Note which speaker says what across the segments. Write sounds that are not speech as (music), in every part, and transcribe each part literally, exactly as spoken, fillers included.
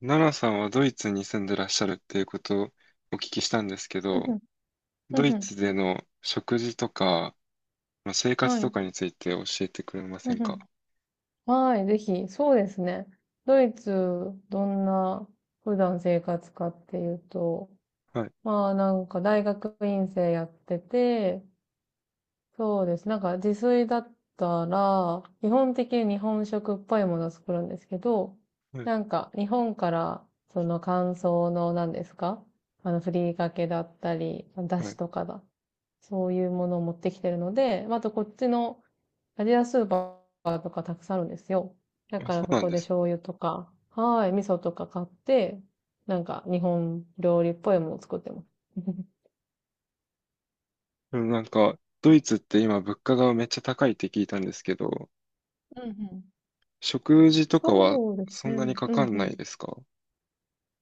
Speaker 1: 奈良さんはドイツに住んでらっしゃるっていうことをお聞きしたんですけ
Speaker 2: うんう
Speaker 1: ど、
Speaker 2: ん、う
Speaker 1: ド
Speaker 2: ん
Speaker 1: イ
Speaker 2: うん、
Speaker 1: ツでの食事とか、まあ、生
Speaker 2: は
Speaker 1: 活
Speaker 2: い、
Speaker 1: と
Speaker 2: う
Speaker 1: かについて教えてくれま
Speaker 2: ん
Speaker 1: せ
Speaker 2: う
Speaker 1: んか？
Speaker 2: ん、はい、ぜひ、そうですね。ドイツ、どんな普段生活かっていうと、
Speaker 1: はい、
Speaker 2: まあなんか大学院生やってて、そうです。なんか自炊だったら、基本的に日本食っぽいものを作るんですけど、
Speaker 1: はい、
Speaker 2: なんか日本からその乾燥の何ですか？あの、ふりかけだったり、だ
Speaker 1: は
Speaker 2: し
Speaker 1: い。
Speaker 2: とかだそういうものを持ってきてるので、まああとこっちのアジアスーパーとかたくさんあるんですよ。だ
Speaker 1: あ、
Speaker 2: か
Speaker 1: そ
Speaker 2: ら
Speaker 1: う
Speaker 2: そ
Speaker 1: なん
Speaker 2: こ
Speaker 1: で
Speaker 2: で
Speaker 1: す。
Speaker 2: 醤油とか、はい、味噌とか買って、なんか日本料理っぽいものを作ってます。(laughs)
Speaker 1: でもなんか、ドイツって今物価がめっちゃ高いって聞いたんですけど、
Speaker 2: うんうん。(laughs)
Speaker 1: 食事とかは
Speaker 2: そうです
Speaker 1: そ
Speaker 2: ね。
Speaker 1: んなにか
Speaker 2: うん
Speaker 1: かん
Speaker 2: う
Speaker 1: ない
Speaker 2: ん。
Speaker 1: ですか？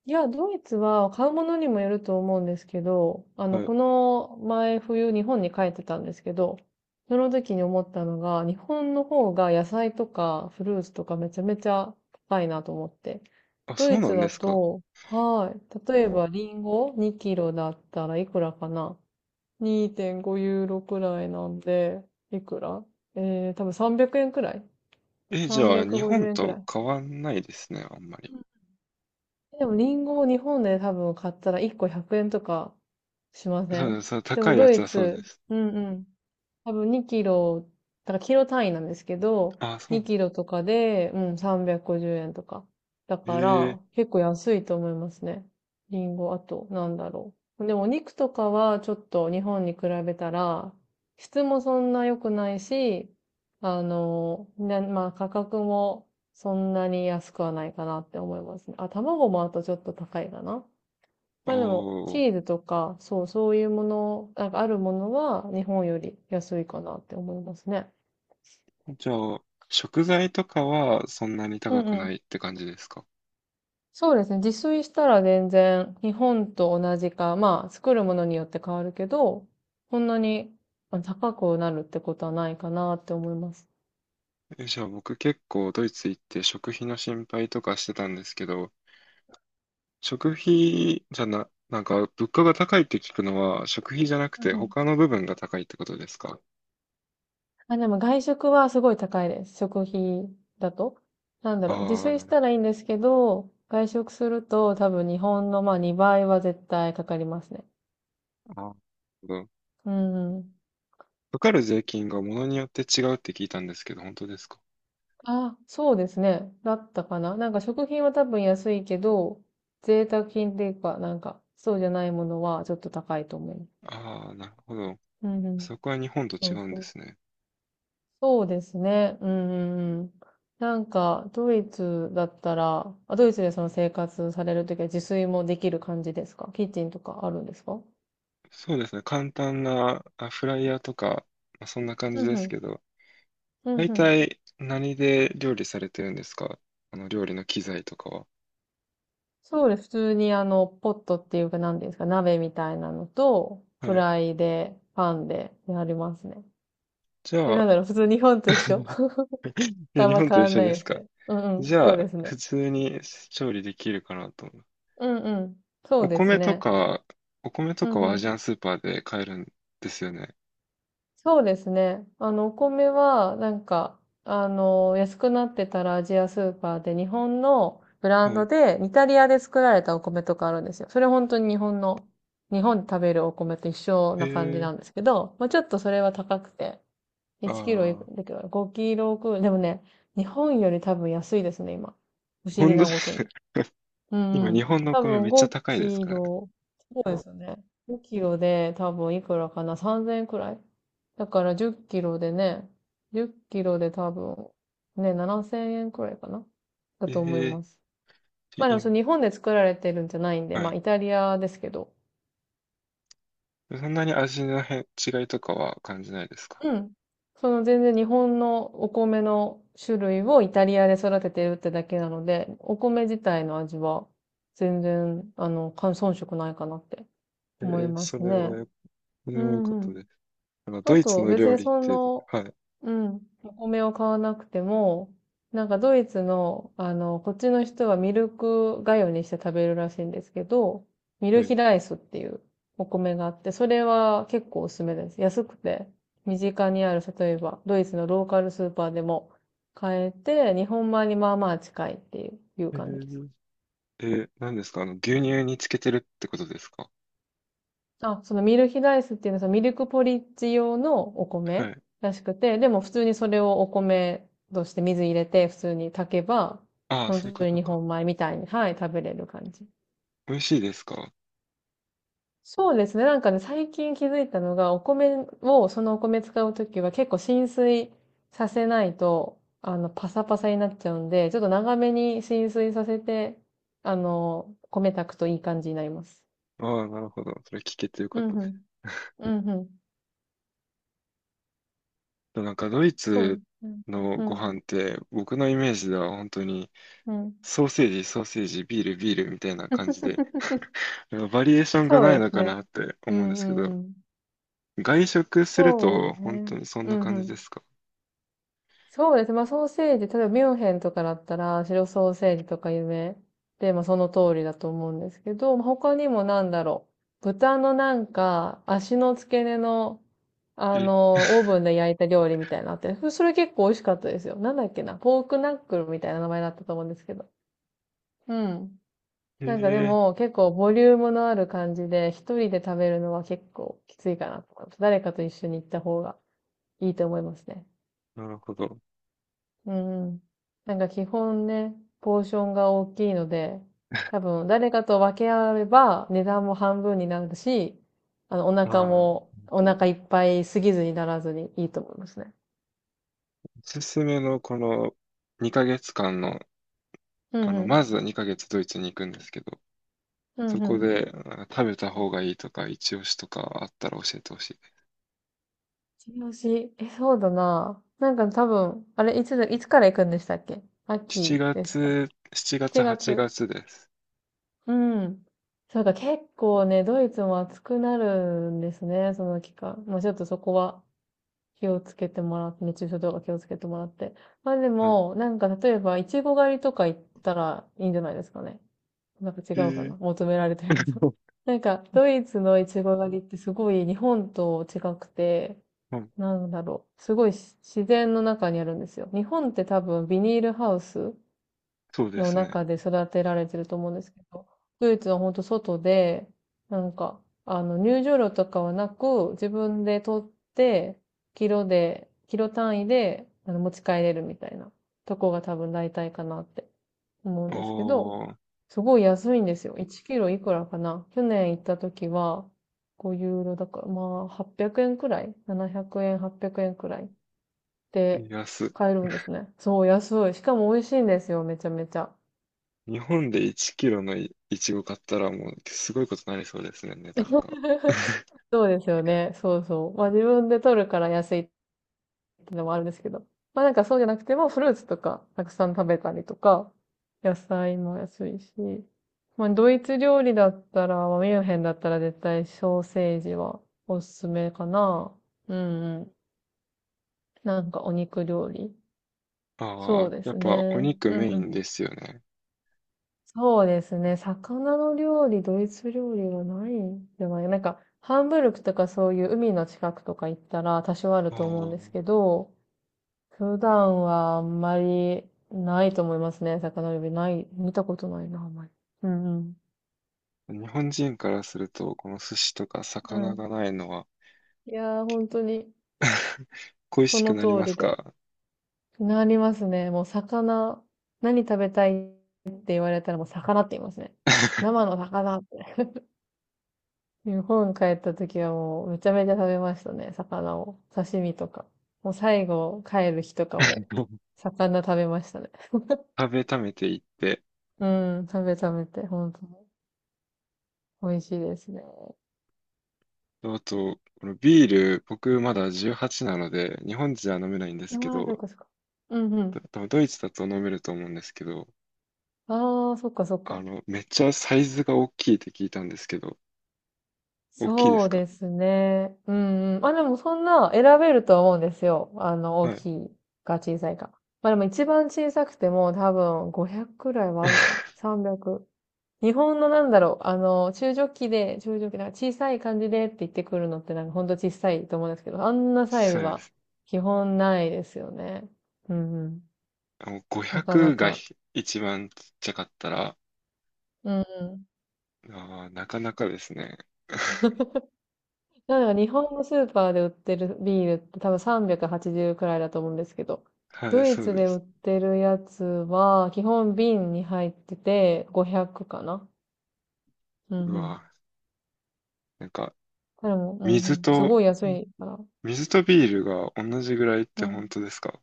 Speaker 2: いや、ドイツは買うものにもよると思うんですけど、あの、
Speaker 1: はい。
Speaker 2: この前冬日本に帰ってたんですけど、その時に思ったのが、日本の方が野菜とかフルーツとかめちゃめちゃ高いなと思って。
Speaker 1: あ、
Speaker 2: ド
Speaker 1: そ
Speaker 2: イ
Speaker 1: うな
Speaker 2: ツ
Speaker 1: んで
Speaker 2: だ
Speaker 1: すか。
Speaker 2: と、はい。例えばリンゴにキロだったらいくらかな？ にーてんご ユーロくらいなんで、いくらえー、多分さんびゃくえんくえんくらい、
Speaker 1: え、じゃあ日
Speaker 2: さんびゃくごじゅう
Speaker 1: 本
Speaker 2: 円くら
Speaker 1: と
Speaker 2: い。
Speaker 1: 変わんないですね、あんまり。
Speaker 2: でもリンゴを日本で多分買ったらいっこひゃくえんとかしませ
Speaker 1: そう
Speaker 2: ん。
Speaker 1: です、そう、
Speaker 2: でも
Speaker 1: 高いや
Speaker 2: ド
Speaker 1: つ
Speaker 2: イ
Speaker 1: はそうで
Speaker 2: ツ、
Speaker 1: す。
Speaker 2: うんうん、多分にキロ、だからキロ単位なんですけど、
Speaker 1: あ、そ
Speaker 2: 2
Speaker 1: う。
Speaker 2: キロとかで、うん、さんびゃくごじゅうえんとか。だか
Speaker 1: ええ、
Speaker 2: ら、結構安いと思いますね。リンゴ、あと、なんだろう。でもお肉とかはちょっと日本に比べたら、質もそんな良くないし、あの、な、まあ価格もそんなに安くはないかなって思いますね。あ、卵もあとちょっと高いかな。
Speaker 1: あ
Speaker 2: ま
Speaker 1: あ
Speaker 2: あでも、チ
Speaker 1: ー。
Speaker 2: ーズとか、そう、そういうもの、なんかあるものは日本より安いかなって思いますね。
Speaker 1: じゃあ、食材とかはそんなに
Speaker 2: うん
Speaker 1: 高く
Speaker 2: う
Speaker 1: な
Speaker 2: ん。
Speaker 1: いって感じですか？
Speaker 2: そうですね。自炊したら全然日本と同じか、まあ作るものによって変わるけど、こんなにあ高くなるってことはないかなって思います。
Speaker 1: え、じゃあ僕結構ドイツ行って食費の心配とかしてたんですけど、食費じゃな、なんか物価が高いって聞くのは食費じゃなくて
Speaker 2: うんうん。
Speaker 1: 他の部分が高いってことですか？
Speaker 2: あ、でも外食はすごい高いです。食費だと。なんだ
Speaker 1: あ
Speaker 2: ろう、自
Speaker 1: あー、
Speaker 2: 炊し
Speaker 1: なる
Speaker 2: た
Speaker 1: ほ
Speaker 2: らいいんですけど、外食すると多分日本のまあにばいは絶対かかりますね。
Speaker 1: ど。あー、なるほど。
Speaker 2: うんうん。
Speaker 1: かかる税金が物によって違うって聞いたんですけど、本当ですか？
Speaker 2: あ、そうですね。だったかな。なんか食品は多分安いけど、贅沢品っていうか、なんか、そうじゃないものはちょっと高いと思います。
Speaker 1: ああー、なるほど。
Speaker 2: うんうん。
Speaker 1: そこは日本と
Speaker 2: そ
Speaker 1: 違
Speaker 2: う
Speaker 1: うん
Speaker 2: そ
Speaker 1: で
Speaker 2: う。
Speaker 1: すね。
Speaker 2: そうですね。うんうんうん。なんか、ドイツだったら、あ、ドイツでその生活されるときは自炊もできる感じですか？キッチンとかあるんですか？
Speaker 1: そうですね。簡単なあフライヤーとか、まあ、そんな感
Speaker 2: う
Speaker 1: じ
Speaker 2: ん
Speaker 1: で
Speaker 2: う
Speaker 1: すけ
Speaker 2: ん。
Speaker 1: ど、
Speaker 2: うん
Speaker 1: 大
Speaker 2: うん。
Speaker 1: 体何で料理されてるんですか？あの料理の機材とかは。
Speaker 2: そうです。普通にあの、ポットっていうか何ですか、鍋みたいなのと、
Speaker 1: は
Speaker 2: フ
Speaker 1: い。
Speaker 2: ライで、パンでやりますね。
Speaker 1: じ
Speaker 2: え、
Speaker 1: ゃ
Speaker 2: なん
Speaker 1: あ、
Speaker 2: だろう、普通日本と一緒。
Speaker 1: (laughs)
Speaker 2: (laughs)
Speaker 1: いや、
Speaker 2: あん
Speaker 1: 日
Speaker 2: ま
Speaker 1: 本
Speaker 2: 変
Speaker 1: と一
Speaker 2: わん
Speaker 1: 緒
Speaker 2: ない
Speaker 1: で
Speaker 2: で
Speaker 1: す
Speaker 2: す
Speaker 1: か？
Speaker 2: ね。うんう
Speaker 1: じ
Speaker 2: ん、
Speaker 1: ゃ
Speaker 2: そうで
Speaker 1: あ、
Speaker 2: す
Speaker 1: 普
Speaker 2: ね。
Speaker 1: 通に調理できるかなと思う。
Speaker 2: うんうん、そう
Speaker 1: お
Speaker 2: です
Speaker 1: 米と
Speaker 2: ね。
Speaker 1: か、お米と
Speaker 2: う
Speaker 1: か
Speaker 2: んう
Speaker 1: はアジ
Speaker 2: ん。
Speaker 1: アンスーパーで買えるんですよね。
Speaker 2: そうですね。あの、お米は、なんか、あの、安くなってたらアジアスーパーで日本のブラン
Speaker 1: は
Speaker 2: ド
Speaker 1: い。
Speaker 2: で、イタリアで作られたお米とかあるんですよ。それ本当に日本の、日本で食べるお米と一緒
Speaker 1: へ
Speaker 2: な感じ
Speaker 1: え、
Speaker 2: なんですけど、まあ、ちょっとそれは高くて、
Speaker 1: あ
Speaker 2: いちキロい
Speaker 1: あ、
Speaker 2: くんだけどごキロくらい、でもね、日本より多分安いですね、今。不思議
Speaker 1: 本当
Speaker 2: な
Speaker 1: で
Speaker 2: こと
Speaker 1: す
Speaker 2: に。
Speaker 1: ね。(laughs)
Speaker 2: うん
Speaker 1: 今、
Speaker 2: う
Speaker 1: 日
Speaker 2: ん。
Speaker 1: 本のお
Speaker 2: 多
Speaker 1: 米め
Speaker 2: 分
Speaker 1: っちゃ
Speaker 2: 5
Speaker 1: 高いです
Speaker 2: キ
Speaker 1: からね。
Speaker 2: ロ、そうですよね。ごキロで多分いくらかな？ さんぜん 円くらいだからじっキロでね、いちキロで多分ね、ななせんえんくらいかなだと思い
Speaker 1: え
Speaker 2: ます。
Speaker 1: え、
Speaker 2: まあでも
Speaker 1: い
Speaker 2: それ日本で作られてるんじゃないんで、
Speaker 1: は
Speaker 2: まあ
Speaker 1: い。
Speaker 2: イタリアですけど。
Speaker 1: そんなに味の変違いとかは感じないですか？
Speaker 2: うん。その全然日本のお米の種類をイタリアで育ててるってだけなので、お米自体の味は全然、あの、感遜色ないかなって
Speaker 1: え
Speaker 2: 思い
Speaker 1: え、
Speaker 2: ま
Speaker 1: そ
Speaker 2: す
Speaker 1: れは
Speaker 2: ね。
Speaker 1: よ、そ
Speaker 2: う
Speaker 1: れは良かっ
Speaker 2: んう
Speaker 1: た
Speaker 2: ん。
Speaker 1: です。あの、
Speaker 2: あ
Speaker 1: ドイツ
Speaker 2: と、
Speaker 1: の
Speaker 2: 別
Speaker 1: 料
Speaker 2: に
Speaker 1: 理っ
Speaker 2: そ
Speaker 1: て、
Speaker 2: の、
Speaker 1: はい、
Speaker 2: うん、お米を買わなくても、なんかドイツの、あの、こっちの人はミルクがゆにして食べるらしいんですけど、ミル
Speaker 1: はい。
Speaker 2: ヒライスっていうお米があって、それは結構おすすめです。安くて、身近にある、例えば、ドイツのローカルスーパーでも買えて、日本米にまあまあ近いっていう、いう
Speaker 1: え
Speaker 2: 感じです。
Speaker 1: ー、え、何ですかあの、牛乳につけてるってことですか？
Speaker 2: あ、そのミルヒダイスっていうのは、そのミルクポリッジ用のお
Speaker 1: は
Speaker 2: 米
Speaker 1: い。
Speaker 2: らしくて、でも普通にそれをお米として水入れて普通に炊けば、
Speaker 1: ああ、
Speaker 2: 本
Speaker 1: そういう
Speaker 2: 当
Speaker 1: こ
Speaker 2: に
Speaker 1: と
Speaker 2: 日
Speaker 1: か。
Speaker 2: 本米みたいに、はい、食べれる感じ。
Speaker 1: 美味しいですか？
Speaker 2: そうですね。なんかね、最近気づいたのが、お米を、そのお米使うときは結構浸水させないと、あの、パサパサになっちゃうんで、ちょっと長めに浸水させて、あの、米炊くといい感じになります。
Speaker 1: ああ、なるほど。それ聞けてよ
Speaker 2: う
Speaker 1: かった
Speaker 2: んう
Speaker 1: で
Speaker 2: ん。うんうん。
Speaker 1: す。なんか、ドイ
Speaker 2: そうで
Speaker 1: ツ
Speaker 2: すね。
Speaker 1: の
Speaker 2: う
Speaker 1: ご
Speaker 2: ん。
Speaker 1: 飯って、僕のイメージでは本当に、
Speaker 2: うん。
Speaker 1: ソーセージ、ソーセージ、ビール、ビールみたいな感じで、
Speaker 2: (laughs)
Speaker 1: (laughs) バリエーションが
Speaker 2: そう
Speaker 1: ない
Speaker 2: で
Speaker 1: の
Speaker 2: す
Speaker 1: か
Speaker 2: ね。
Speaker 1: なって
Speaker 2: う
Speaker 1: 思うんで
Speaker 2: んう
Speaker 1: すけ
Speaker 2: ん
Speaker 1: ど、
Speaker 2: うん。
Speaker 1: 外食する
Speaker 2: そう
Speaker 1: と本当
Speaker 2: ね。
Speaker 1: にそん
Speaker 2: う
Speaker 1: な
Speaker 2: んう
Speaker 1: 感じで
Speaker 2: ん。
Speaker 1: すか？
Speaker 2: そうですね。まあソーセージ、例えばミュンヘンとかだったら、白ソーセージとか有名で、まあその通りだと思うんですけど、まあ他にもなんだろう。豚のなんか、足の付け根の、あ
Speaker 1: え、
Speaker 2: の、オーブンで焼いた料理みたいなのあって、それ結構美味しかったですよ。なんだっけな。ポークナックルみたいな名前だったと思うんですけど。うん。なんかで
Speaker 1: え
Speaker 2: も結構ボリュームのある感じで一人で食べるのは結構きついかなと思います。誰かと一緒に行った方がいいと思いますね。
Speaker 1: ー、なるほど。
Speaker 2: うん。なんか基本ね、ポーションが大きいので、多分誰かと分け合えば値段も半分になるし、あのお
Speaker 1: あ
Speaker 2: 腹
Speaker 1: あ、なる
Speaker 2: もお
Speaker 1: ほど。
Speaker 2: 腹いっぱいすぎずにならずにいいと思いますね。
Speaker 1: おすすめのこのにかげつかんの、
Speaker 2: う
Speaker 1: あ
Speaker 2: んう
Speaker 1: の、
Speaker 2: ん。
Speaker 1: まずはにかげつドイツに行くんですけど、
Speaker 2: う
Speaker 1: そ
Speaker 2: んう
Speaker 1: こ
Speaker 2: ん。
Speaker 1: であ食べた方がいいとか、一押しとかあったら教えてほしい。
Speaker 2: チしえ、そうだな。なんか多分、あれ、いつだ、いつから行くんでしたっけ？
Speaker 1: 7
Speaker 2: 秋でした？
Speaker 1: 月、しちがつ、
Speaker 2: 7
Speaker 1: 8
Speaker 2: 月。
Speaker 1: 月です。
Speaker 2: うん。そうか、結構ね、ドイツも暑くなるんですね、その期間。まあちょっとそこは気をつけてもらって、熱中症とか気をつけてもらって。まあで
Speaker 1: はい。
Speaker 2: も、なんか例えば、いちご狩りとか行ったらいいんじゃないですかね。なんか違
Speaker 1: え
Speaker 2: うかな、
Speaker 1: ー
Speaker 2: 求められてるの。(laughs)
Speaker 1: (laughs)
Speaker 2: なんか、ドイツのいちご狩りってすごい日本と違くて、
Speaker 1: うん、
Speaker 2: なんだろう、すごいし自然の中にあるんですよ。日本って多分ビニールハウス
Speaker 1: そうで
Speaker 2: の
Speaker 1: すね。
Speaker 2: 中で育てられてると思うんですけど、ドイツは本当外で、なんか、あの、入場料とかはなく、自分で取って、キロで、キロ単位で、あの、持ち帰れるみたいなとこが多分大体かなって思うんですけど、
Speaker 1: おー、
Speaker 2: すごい安いんですよ。いちキロいくらかな。去年行った時は、ごユーロだから、まあ、はっぴゃくえんくえんくらい、 ななひゃく 円、はっぴゃくえんくえんくらいで
Speaker 1: 安い。
Speaker 2: 買えるんですね。そう、安い。しかも美味しいんですよ、めちゃめちゃ。
Speaker 1: 日本でいちキロのい、いちご買ったらもうすごいことになりそうですね、値段が。(laughs)
Speaker 2: そうですよね。そうそう。まあ自分で取るから安いっていうのもあるんですけど。まあなんかそうじゃなくてもフルーツとかたくさん食べたりとか、野菜も安いし。まあドイツ料理だったら、まあミュンヘンだったら絶対ソーセージはおすすめかな。うんうん。なんかお肉料理。
Speaker 1: あ
Speaker 2: そう
Speaker 1: あ、
Speaker 2: で
Speaker 1: やっ
Speaker 2: すね。
Speaker 1: ぱお肉
Speaker 2: うん
Speaker 1: メ
Speaker 2: う
Speaker 1: イン
Speaker 2: ん。
Speaker 1: ですよね。
Speaker 2: そうですね。魚の料理、ドイツ料理はないんじゃない、なんか、ハンブルクとかそういう海の近くとか行ったら多少ある
Speaker 1: あ
Speaker 2: と思うん
Speaker 1: あ。
Speaker 2: ですけど、普段はあんまりないと思いますね。魚料理ない、見たことないな、あんまり。うんうん。
Speaker 1: 日本人からすると、この寿司とか
Speaker 2: う
Speaker 1: 魚
Speaker 2: ん。
Speaker 1: がないのは
Speaker 2: いやー、本当に、
Speaker 1: (laughs) 恋
Speaker 2: こ
Speaker 1: しく
Speaker 2: の
Speaker 1: なり
Speaker 2: 通
Speaker 1: ま
Speaker 2: り
Speaker 1: す
Speaker 2: で。
Speaker 1: か？
Speaker 2: なりますね。もう魚、何食べたいって言われたらもう魚って言いますね。
Speaker 1: (laughs)
Speaker 2: 生の魚って。日本帰った時はもうめちゃめちゃ食べましたね、魚を。刺身とか。もう最後帰る日とかも、魚食べましたね。
Speaker 1: 食べためていって。
Speaker 2: うん、食べ食べて、本当に。美味しいですね。
Speaker 1: あと、このビール、僕まだじゅうはっさいなので、日本人は飲めないんですけ
Speaker 2: ああ、そっ
Speaker 1: ど、
Speaker 2: かそっか。うんうん。
Speaker 1: 多分ドイツだと飲めると思うんですけど、
Speaker 2: ああ、そっかそっ
Speaker 1: あ
Speaker 2: か。
Speaker 1: の、めっちゃサイズが大きいって聞いたんですけど、大きいで
Speaker 2: そ
Speaker 1: す
Speaker 2: う
Speaker 1: か？
Speaker 2: ですね。うんうん。まあでもそんな選べるとは思うんですよ。あの、大
Speaker 1: はい。
Speaker 2: きいか小さいか。まあでも一番小さくても多分ごひゃくくくらいはあるかな。
Speaker 1: (laughs)
Speaker 2: さんびゃく。日本のなんだろう、あの、中ジョッキで、中ジョッキ、なんか小さい感じでって言ってくるのってなんかほんと小さいと思うんですけど、あんなサイズ
Speaker 1: そうで
Speaker 2: は
Speaker 1: す。
Speaker 2: 基本ないですよね。うんうん。
Speaker 1: あの
Speaker 2: なかな
Speaker 1: ごひゃくが
Speaker 2: か。
Speaker 1: ひ一番ちっちゃかったら、
Speaker 2: うんうん。
Speaker 1: あー、なかなかですね。(laughs)
Speaker 2: なんか日本のスーパーで売ってるビールって多分さんびゃくはちじゅうくはちじゅうくらいだと思うんですけど、
Speaker 1: はい、
Speaker 2: ドイ
Speaker 1: そ
Speaker 2: ツ
Speaker 1: うで
Speaker 2: で売
Speaker 1: す。
Speaker 2: ってるやつは基本瓶に入っててごひゃくかな。うん
Speaker 1: う
Speaker 2: うん。
Speaker 1: わ、なんか、
Speaker 2: でも、うんう
Speaker 1: 水
Speaker 2: ん。す
Speaker 1: と、
Speaker 2: ごい安いから。
Speaker 1: 水とビールが同じぐらいっ
Speaker 2: う
Speaker 1: て
Speaker 2: ん。
Speaker 1: 本当ですか？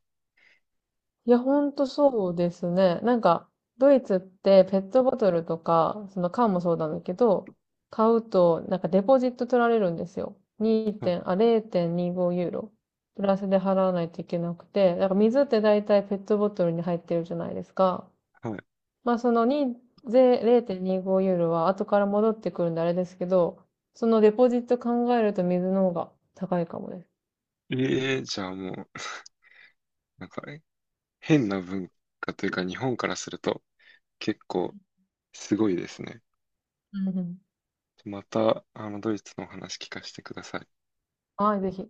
Speaker 2: いや、ほんとそうですね。なんか、ドイツってペットボトルとか、その缶もそうなんだけど、買うと、なんかデポジット取られるんですよ。2
Speaker 1: は
Speaker 2: 点、あ、れいてんにごユーロ。プラスで払わないといけなくて、なんか水って大体ペットボトルに入ってるじゃないですか。
Speaker 1: いはい。
Speaker 2: まあそのに、ぜれいてんにごユーロは後から戻ってくるんであれですけど、そのデポジット考えると水の方が高いかもです。
Speaker 1: ええ、じゃあもう、なんか、え、変な文化というか、日本からすると結構すごいですね。
Speaker 2: うんうん。
Speaker 1: また、あの、ドイツのお話聞かせてください。
Speaker 2: はい、ぜひ。